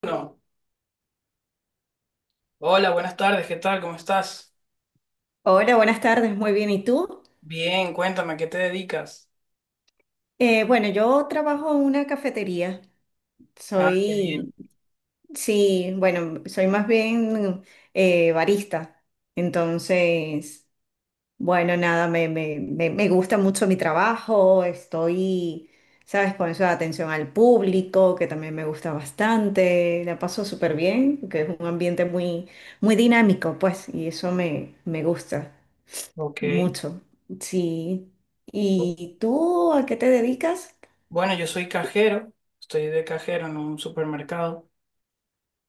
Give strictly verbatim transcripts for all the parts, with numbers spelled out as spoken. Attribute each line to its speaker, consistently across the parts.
Speaker 1: Bueno, hola, buenas tardes, ¿qué tal? ¿Cómo estás?
Speaker 2: Hola, buenas tardes, muy bien. ¿Y tú?
Speaker 1: Bien, cuéntame, ¿a qué te dedicas?
Speaker 2: Eh, bueno, yo trabajo en una cafetería.
Speaker 1: Ah, qué bien.
Speaker 2: Soy, sí, bueno, soy más bien eh, barista. Entonces, bueno, nada, me, me, me, me gusta mucho mi trabajo. Estoy, ¿sabes? Con eso de atención al público, que también me gusta bastante. La paso súper bien, que es un ambiente muy, muy dinámico, pues, y eso me, me gusta.
Speaker 1: Ok.
Speaker 2: Mucho, sí. ¿Y tú a qué te dedicas?
Speaker 1: Bueno, yo soy cajero, estoy de cajero en un supermercado.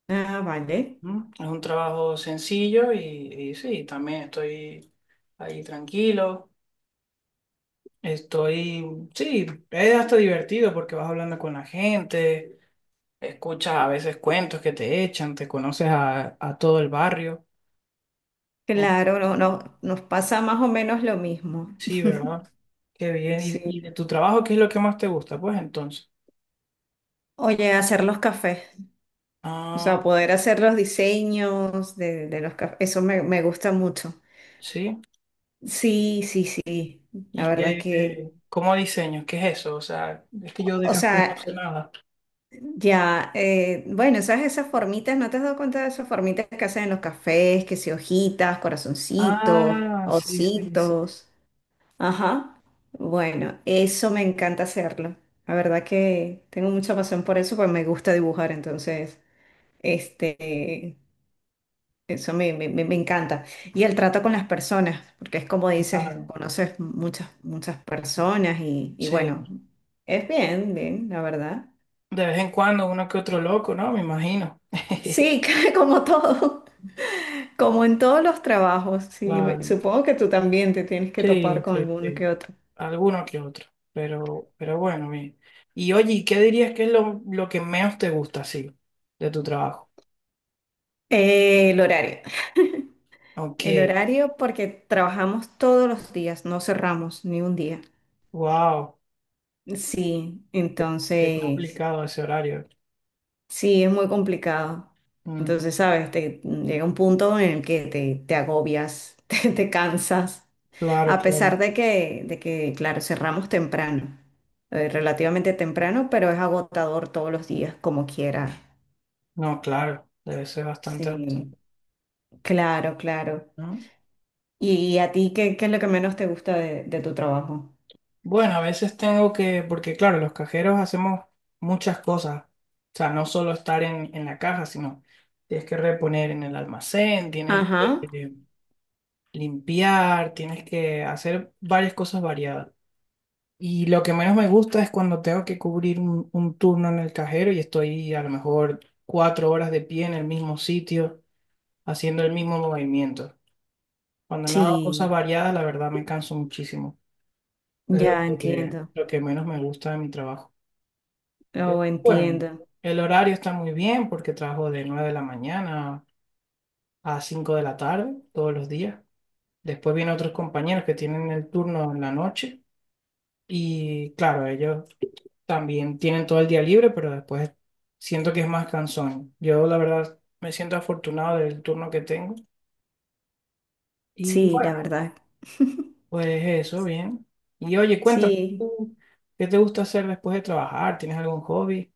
Speaker 2: Ah, vale.
Speaker 1: ¿Mm? Es un trabajo sencillo y, y sí, también estoy ahí tranquilo. Estoy, sí, es hasta divertido porque vas hablando con la gente, escuchas a veces cuentos que te echan, te conoces a, a todo el barrio.
Speaker 2: Claro, no, no, nos pasa más o menos lo mismo.
Speaker 1: Sí, ¿verdad? Qué bien. ¿Y,
Speaker 2: Sí.
Speaker 1: y de tu trabajo qué es lo que más te gusta? Pues entonces.
Speaker 2: Oye, hacer los cafés, o
Speaker 1: Ah,
Speaker 2: sea, poder hacer los diseños de, de los cafés, eso me, me gusta mucho.
Speaker 1: sí.
Speaker 2: Sí, sí, sí. La
Speaker 1: ¿Y
Speaker 2: verdad
Speaker 1: qué,
Speaker 2: que,
Speaker 1: qué- cómo diseño? ¿Qué es eso? O sea, es que yo de
Speaker 2: o
Speaker 1: café no sé
Speaker 2: sea,
Speaker 1: nada.
Speaker 2: ya, eh, bueno, ¿sabes esas formitas? ¿No te has dado cuenta de esas formitas que hacen en los cafés? Que si hojitas, corazoncitos,
Speaker 1: Ah, sí, sí, sí,
Speaker 2: ositos. Ajá. Bueno, eso me encanta hacerlo. La verdad que tengo mucha pasión por eso, pues me gusta dibujar, entonces, este, eso me, me- me- me encanta. Y el trato con las personas, porque es como dices,
Speaker 1: claro.
Speaker 2: conoces muchas, muchas personas y, y bueno,
Speaker 1: Sí.
Speaker 2: es bien, bien, la verdad.
Speaker 1: De vez en cuando uno que otro loco, ¿no? Me imagino.
Speaker 2: Sí, como todo, como en todos los trabajos, sí, me-
Speaker 1: Claro.
Speaker 2: supongo que tú también te tienes que topar
Speaker 1: Sí,
Speaker 2: con
Speaker 1: sí,
Speaker 2: alguno
Speaker 1: sí.
Speaker 2: que otro.
Speaker 1: Alguno que otro. Pero, pero bueno, bien. Y oye, ¿y ¿qué dirías que es lo, lo que menos te gusta, sí, de tu trabajo?
Speaker 2: Eh, el horario.
Speaker 1: Ok.
Speaker 2: El horario, porque trabajamos todos los días, no cerramos ni un día.
Speaker 1: Wow.
Speaker 2: Sí,
Speaker 1: Qué
Speaker 2: entonces,
Speaker 1: complicado ese horario.
Speaker 2: sí, es muy complicado.
Speaker 1: Ujú.
Speaker 2: Entonces, sabes, te, llega un punto en el que te, te agobias, te, te cansas,
Speaker 1: Claro,
Speaker 2: a
Speaker 1: claro.
Speaker 2: pesar de que, de que, claro, cerramos temprano, eh, relativamente temprano, pero es agotador todos los días, como quiera.
Speaker 1: No, claro, debe ser bastante alto,
Speaker 2: Sí, claro, claro.
Speaker 1: ¿no?
Speaker 2: ¿Y a ti qué, qué es lo que menos te gusta de, de tu trabajo?
Speaker 1: Bueno, a veces tengo que, porque claro, los cajeros hacemos muchas cosas. O sea, no solo estar en, en la caja, sino tienes que reponer en el almacén, tienes que
Speaker 2: Ajá,
Speaker 1: eh, limpiar, tienes que hacer varias cosas variadas. Y lo que menos me gusta es cuando tengo que cubrir un, un turno en el cajero y estoy a lo mejor cuatro horas de pie en el mismo sitio, haciendo el mismo movimiento. Cuando no hago cosas
Speaker 2: sí.
Speaker 1: variadas, la verdad me canso muchísimo. Es lo
Speaker 2: Ya
Speaker 1: que,
Speaker 2: entiendo,
Speaker 1: lo que menos me gusta de mi trabajo. Pero,
Speaker 2: oh,
Speaker 1: bueno,
Speaker 2: entiendo.
Speaker 1: el horario está muy bien porque trabajo de nueve de la mañana a cinco de la tarde todos los días. Después vienen otros compañeros que tienen el turno en la noche y claro, ellos también tienen todo el día libre, pero después siento que es más cansón. Yo la verdad me siento afortunado del turno que tengo. Y
Speaker 2: Sí, la verdad.
Speaker 1: pues eso, bien. Y oye, cuéntame,
Speaker 2: Sí.
Speaker 1: ¿tú ¿qué te gusta hacer después de trabajar? ¿Tienes algún hobby?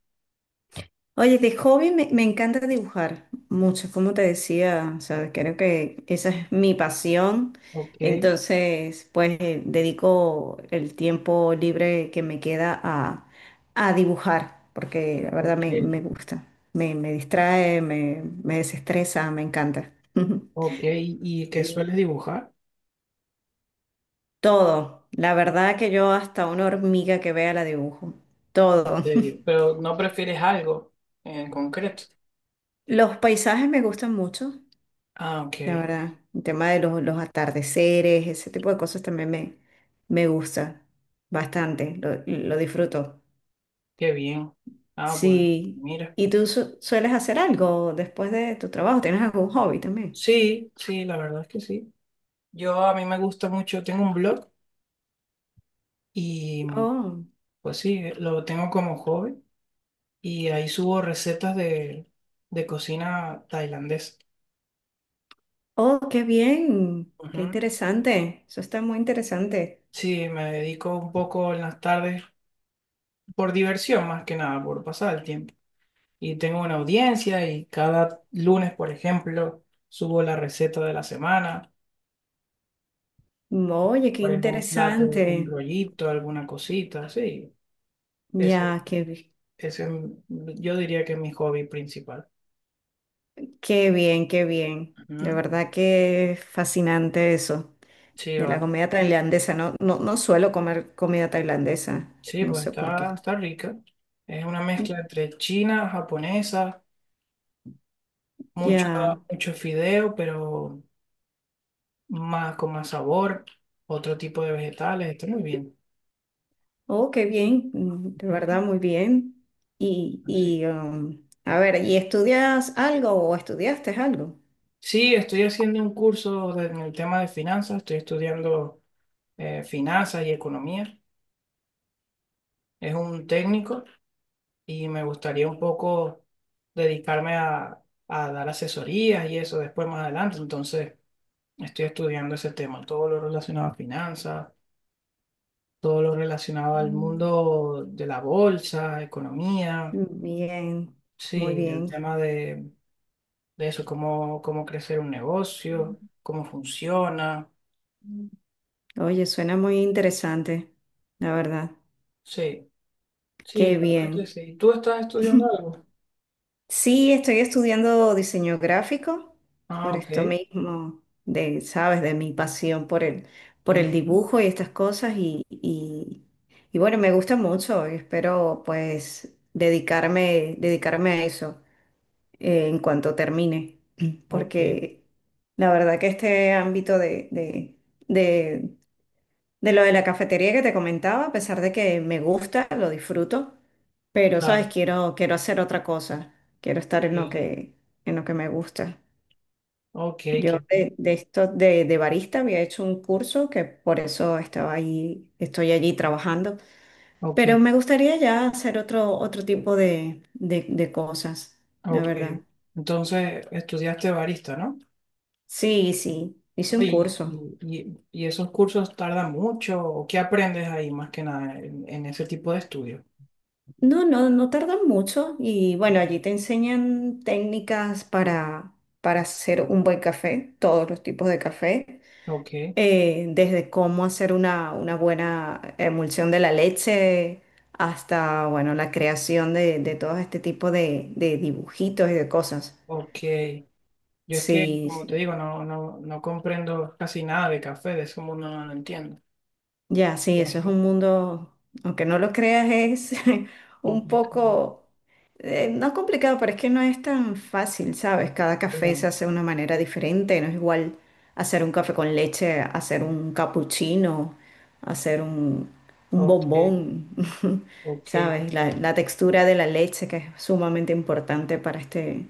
Speaker 2: Oye, de hobby me, me encanta dibujar mucho, como te decía, o sea, creo que esa es mi pasión.
Speaker 1: Ok,
Speaker 2: Entonces, pues eh, dedico el tiempo libre que me queda a, a dibujar, porque la verdad
Speaker 1: ok,
Speaker 2: me, me gusta, me, me distrae, me, me desestresa, me encanta.
Speaker 1: ok. ¿Y y qué
Speaker 2: Sí.
Speaker 1: sueles dibujar?
Speaker 2: Todo. La verdad que yo hasta una hormiga que vea la dibujo.
Speaker 1: En
Speaker 2: Todo.
Speaker 1: serio. Pero no prefieres algo en concreto.
Speaker 2: Los paisajes me gustan mucho,
Speaker 1: Ah,
Speaker 2: la
Speaker 1: ok,
Speaker 2: verdad. El tema de los, los atardeceres, ese tipo de cosas también me, me gusta bastante. Lo, lo disfruto.
Speaker 1: qué bien. Ah, bueno,
Speaker 2: Sí.
Speaker 1: mira.
Speaker 2: ¿Y tú su- sueles hacer algo después de tu trabajo? ¿Tienes algún hobby también?
Speaker 1: Sí, sí, la verdad es que sí. Yo a mí me gusta mucho, tengo un blog y
Speaker 2: Oh,
Speaker 1: pues sí, eh, lo tengo como hobby y ahí subo recetas de, de cocina tailandesa.
Speaker 2: oh, qué bien. Qué
Speaker 1: Ujú.
Speaker 2: interesante. Eso está muy interesante.
Speaker 1: Sí, me dedico un poco en las tardes por diversión más que nada, por pasar el tiempo. Y tengo una audiencia y cada lunes, por ejemplo, subo la receta de la semana,
Speaker 2: Oye, qué
Speaker 1: por algún plato, algún
Speaker 2: interesante.
Speaker 1: rollito, alguna cosita, sí. Ese,
Speaker 2: Ya, qué.
Speaker 1: ese es mi- yo diría que es mi hobby principal.
Speaker 2: Qué bien, qué bien. De
Speaker 1: Ujú.
Speaker 2: verdad que es fascinante eso
Speaker 1: Sí,
Speaker 2: de la
Speaker 1: vale.
Speaker 2: comida tailandesa. No, no, no suelo comer comida tailandesa.
Speaker 1: Sí,
Speaker 2: No
Speaker 1: pues
Speaker 2: sé por
Speaker 1: está,
Speaker 2: qué.
Speaker 1: está rica. Es una mezcla entre china, japonesa, mucho,
Speaker 2: Ya.
Speaker 1: mucho fideo, pero más con más sabor, otro tipo de vegetales, está muy bien.
Speaker 2: Oh, qué bien. Mm, de verdad, muy bien. Y,
Speaker 1: Así.
Speaker 2: y um, a ver, ¿y estudias algo o estudiaste algo?
Speaker 1: Sí, estoy haciendo un curso de- en el tema de finanzas, estoy estudiando eh, finanzas y economía, es un técnico y me gustaría un poco dedicarme a, a dar asesorías y eso después más adelante, entonces estoy estudiando ese tema, todo lo relacionado a finanzas, todo lo relacionado al
Speaker 2: Mm.
Speaker 1: mundo de la bolsa, economía.
Speaker 2: Bien, muy
Speaker 1: Sí, el
Speaker 2: bien.
Speaker 1: tema de, de eso, cómo, cómo crecer un negocio, cómo funciona.
Speaker 2: Oye, suena muy interesante, la verdad.
Speaker 1: Sí, sí, la
Speaker 2: Qué
Speaker 1: verdad que
Speaker 2: bien.
Speaker 1: sí. ¿Tú estás estudiando algo?
Speaker 2: Sí, estoy estudiando diseño gráfico
Speaker 1: Ah,
Speaker 2: por esto
Speaker 1: ok.
Speaker 2: mismo, de, sabes, de mi pasión por el, por
Speaker 1: Ujú,
Speaker 2: el dibujo y estas cosas y, y, y bueno, me gusta mucho y espero pues dedicarme, dedicarme a eso eh, en cuanto termine,
Speaker 1: ok,
Speaker 2: porque la verdad que este ámbito de, de, de lo de la cafetería que te comentaba, a pesar de que me gusta, lo disfruto, pero sabes,
Speaker 1: claro.
Speaker 2: quiero, quiero hacer otra cosa. Quiero estar en lo
Speaker 1: Sí.
Speaker 2: que, en lo que me gusta.
Speaker 1: Ok,
Speaker 2: Yo
Speaker 1: qué bien.
Speaker 2: de, de esto de, de barista había hecho un curso que por eso estaba ahí, estoy allí trabajando.
Speaker 1: Ok,
Speaker 2: Pero me gustaría ya hacer otro, otro tipo de, de, de cosas, la
Speaker 1: ok.
Speaker 2: verdad.
Speaker 1: Entonces, estudiaste barista, ¿no?
Speaker 2: Sí, sí, hice un
Speaker 1: Oye, ¿Y,
Speaker 2: curso.
Speaker 1: y, y esos cursos tardan mucho? ¿O qué aprendes ahí más que nada en, en ese tipo de estudio?
Speaker 2: No, no, no tardan mucho y bueno, allí te enseñan técnicas para, para hacer un buen café, todos los tipos de café,
Speaker 1: Ok,
Speaker 2: eh, desde cómo hacer una, una buena emulsión de la leche hasta, bueno, la creación de, de todo este tipo de, de dibujitos y de cosas.
Speaker 1: ok. Yo es que,
Speaker 2: Sí,
Speaker 1: como te
Speaker 2: sí.
Speaker 1: digo, no, no, no comprendo casi nada de café, de ese mundo no lo entiendo.
Speaker 2: Ya, sí, eso es
Speaker 1: Es
Speaker 2: un mundo, aunque no lo creas, es un
Speaker 1: complicado.
Speaker 2: poco, eh, no complicado, pero es que no es tan fácil, ¿sabes? Cada café
Speaker 1: Pero,
Speaker 2: se hace de una manera diferente, no es igual hacer un café con leche, hacer un cappuccino, hacer un, un
Speaker 1: ok,
Speaker 2: bombón,
Speaker 1: ok,
Speaker 2: ¿sabes? La,
Speaker 1: ok,
Speaker 2: la textura de la leche que es sumamente importante para este,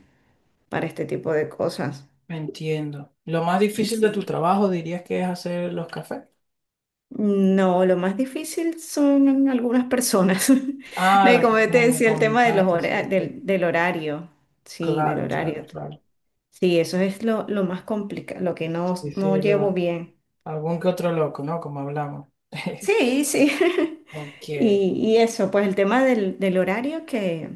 Speaker 2: para este tipo de cosas.
Speaker 1: entiendo. Lo más difícil de tu
Speaker 2: Sí.
Speaker 1: trabajo dirías que es hacer los cafés.
Speaker 2: No, lo más difícil son algunas personas. No, y
Speaker 1: Ah,
Speaker 2: como te
Speaker 1: como me
Speaker 2: decía, el tema de los
Speaker 1: comentaste, sí,
Speaker 2: hora-
Speaker 1: sí.
Speaker 2: del, del horario. Sí, del
Speaker 1: Claro, claro,
Speaker 2: horario.
Speaker 1: claro.
Speaker 2: Sí, eso es lo, lo más complicado, lo que no,
Speaker 1: Sí,
Speaker 2: no
Speaker 1: sí,
Speaker 2: llevo
Speaker 1: lo-
Speaker 2: bien.
Speaker 1: algún que otro loco, ¿no? Como hablamos.
Speaker 2: Sí, sí.
Speaker 1: Ok.
Speaker 2: Y, y eso, pues el tema del, del horario que,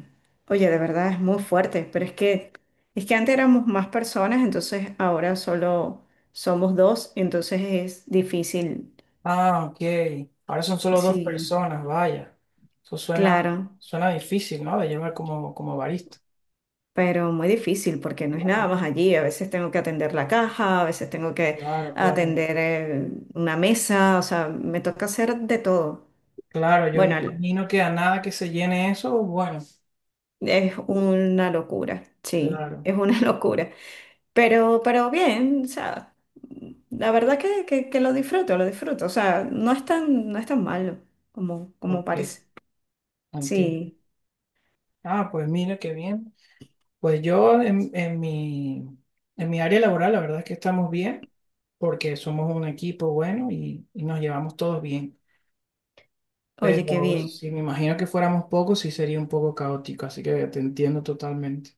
Speaker 2: oye, de verdad es muy fuerte, pero es que, es que antes éramos más personas, entonces ahora solo somos dos, entonces es difícil.
Speaker 1: Ah, ok. Ahora son solo dos
Speaker 2: Sí,
Speaker 1: personas, vaya. Eso suena,
Speaker 2: claro.
Speaker 1: suena difícil, ¿no? De llevar como, como barista.
Speaker 2: Pero muy difícil porque no es nada más allí. A veces tengo que atender la caja, a veces tengo que
Speaker 1: Claro, claro,
Speaker 2: atender eh, una mesa, o sea, me toca hacer de todo.
Speaker 1: claro, yo me
Speaker 2: Bueno, el-
Speaker 1: imagino que a nada que se llene eso, bueno,
Speaker 2: es una locura, sí,
Speaker 1: claro,
Speaker 2: es una locura, pero, pero bien, o sea, la verdad que, que, que lo disfruto, lo disfruto, o sea, no es tan, no es tan malo como, como
Speaker 1: ok,
Speaker 2: parece.
Speaker 1: entiendo.
Speaker 2: Sí,
Speaker 1: Ah, pues mira, qué bien. Pues yo en, en mi, en mi área laboral, la verdad es que estamos bien, porque somos un equipo bueno y, y nos llevamos todos bien.
Speaker 2: oye, qué
Speaker 1: Pero
Speaker 2: bien.
Speaker 1: si me imagino que fuéramos pocos, sí sería un poco caótico, así que te entiendo totalmente.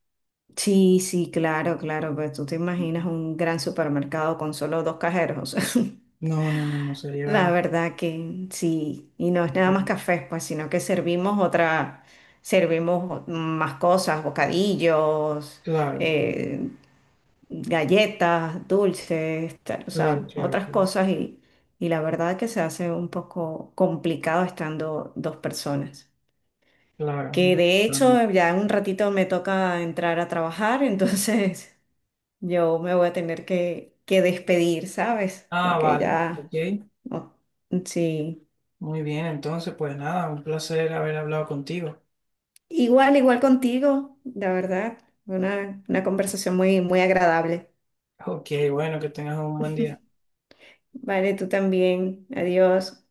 Speaker 2: Sí, sí, claro, claro, pues tú te imaginas
Speaker 1: Ujú.
Speaker 2: un gran supermercado con solo dos cajeros.
Speaker 1: No, no, no, no
Speaker 2: La
Speaker 1: sería.
Speaker 2: verdad que sí, y no es nada
Speaker 1: No.
Speaker 2: más café, pues, sino que servimos otra, servimos más cosas, bocadillos,
Speaker 1: Claro,
Speaker 2: eh, galletas, dulces, tal, o
Speaker 1: claro,
Speaker 2: sea,
Speaker 1: claro,
Speaker 2: otras
Speaker 1: claro,
Speaker 2: cosas y, y la verdad que se hace un poco complicado estando dos personas.
Speaker 1: claro,
Speaker 2: Que
Speaker 1: no.
Speaker 2: de
Speaker 1: No, no.
Speaker 2: hecho ya en un ratito me toca entrar a trabajar, entonces yo me voy a tener que, que despedir, ¿sabes?
Speaker 1: Ah,
Speaker 2: Porque
Speaker 1: vale,
Speaker 2: ya...
Speaker 1: ok.
Speaker 2: no- Sí,
Speaker 1: Muy bien, entonces, pues nada, un placer haber hablado contigo.
Speaker 2: igual, igual contigo, la verdad. Una, una conversación muy, muy agradable.
Speaker 1: Ok, bueno, que tengas un buen día.
Speaker 2: Vale, tú también. Adiós.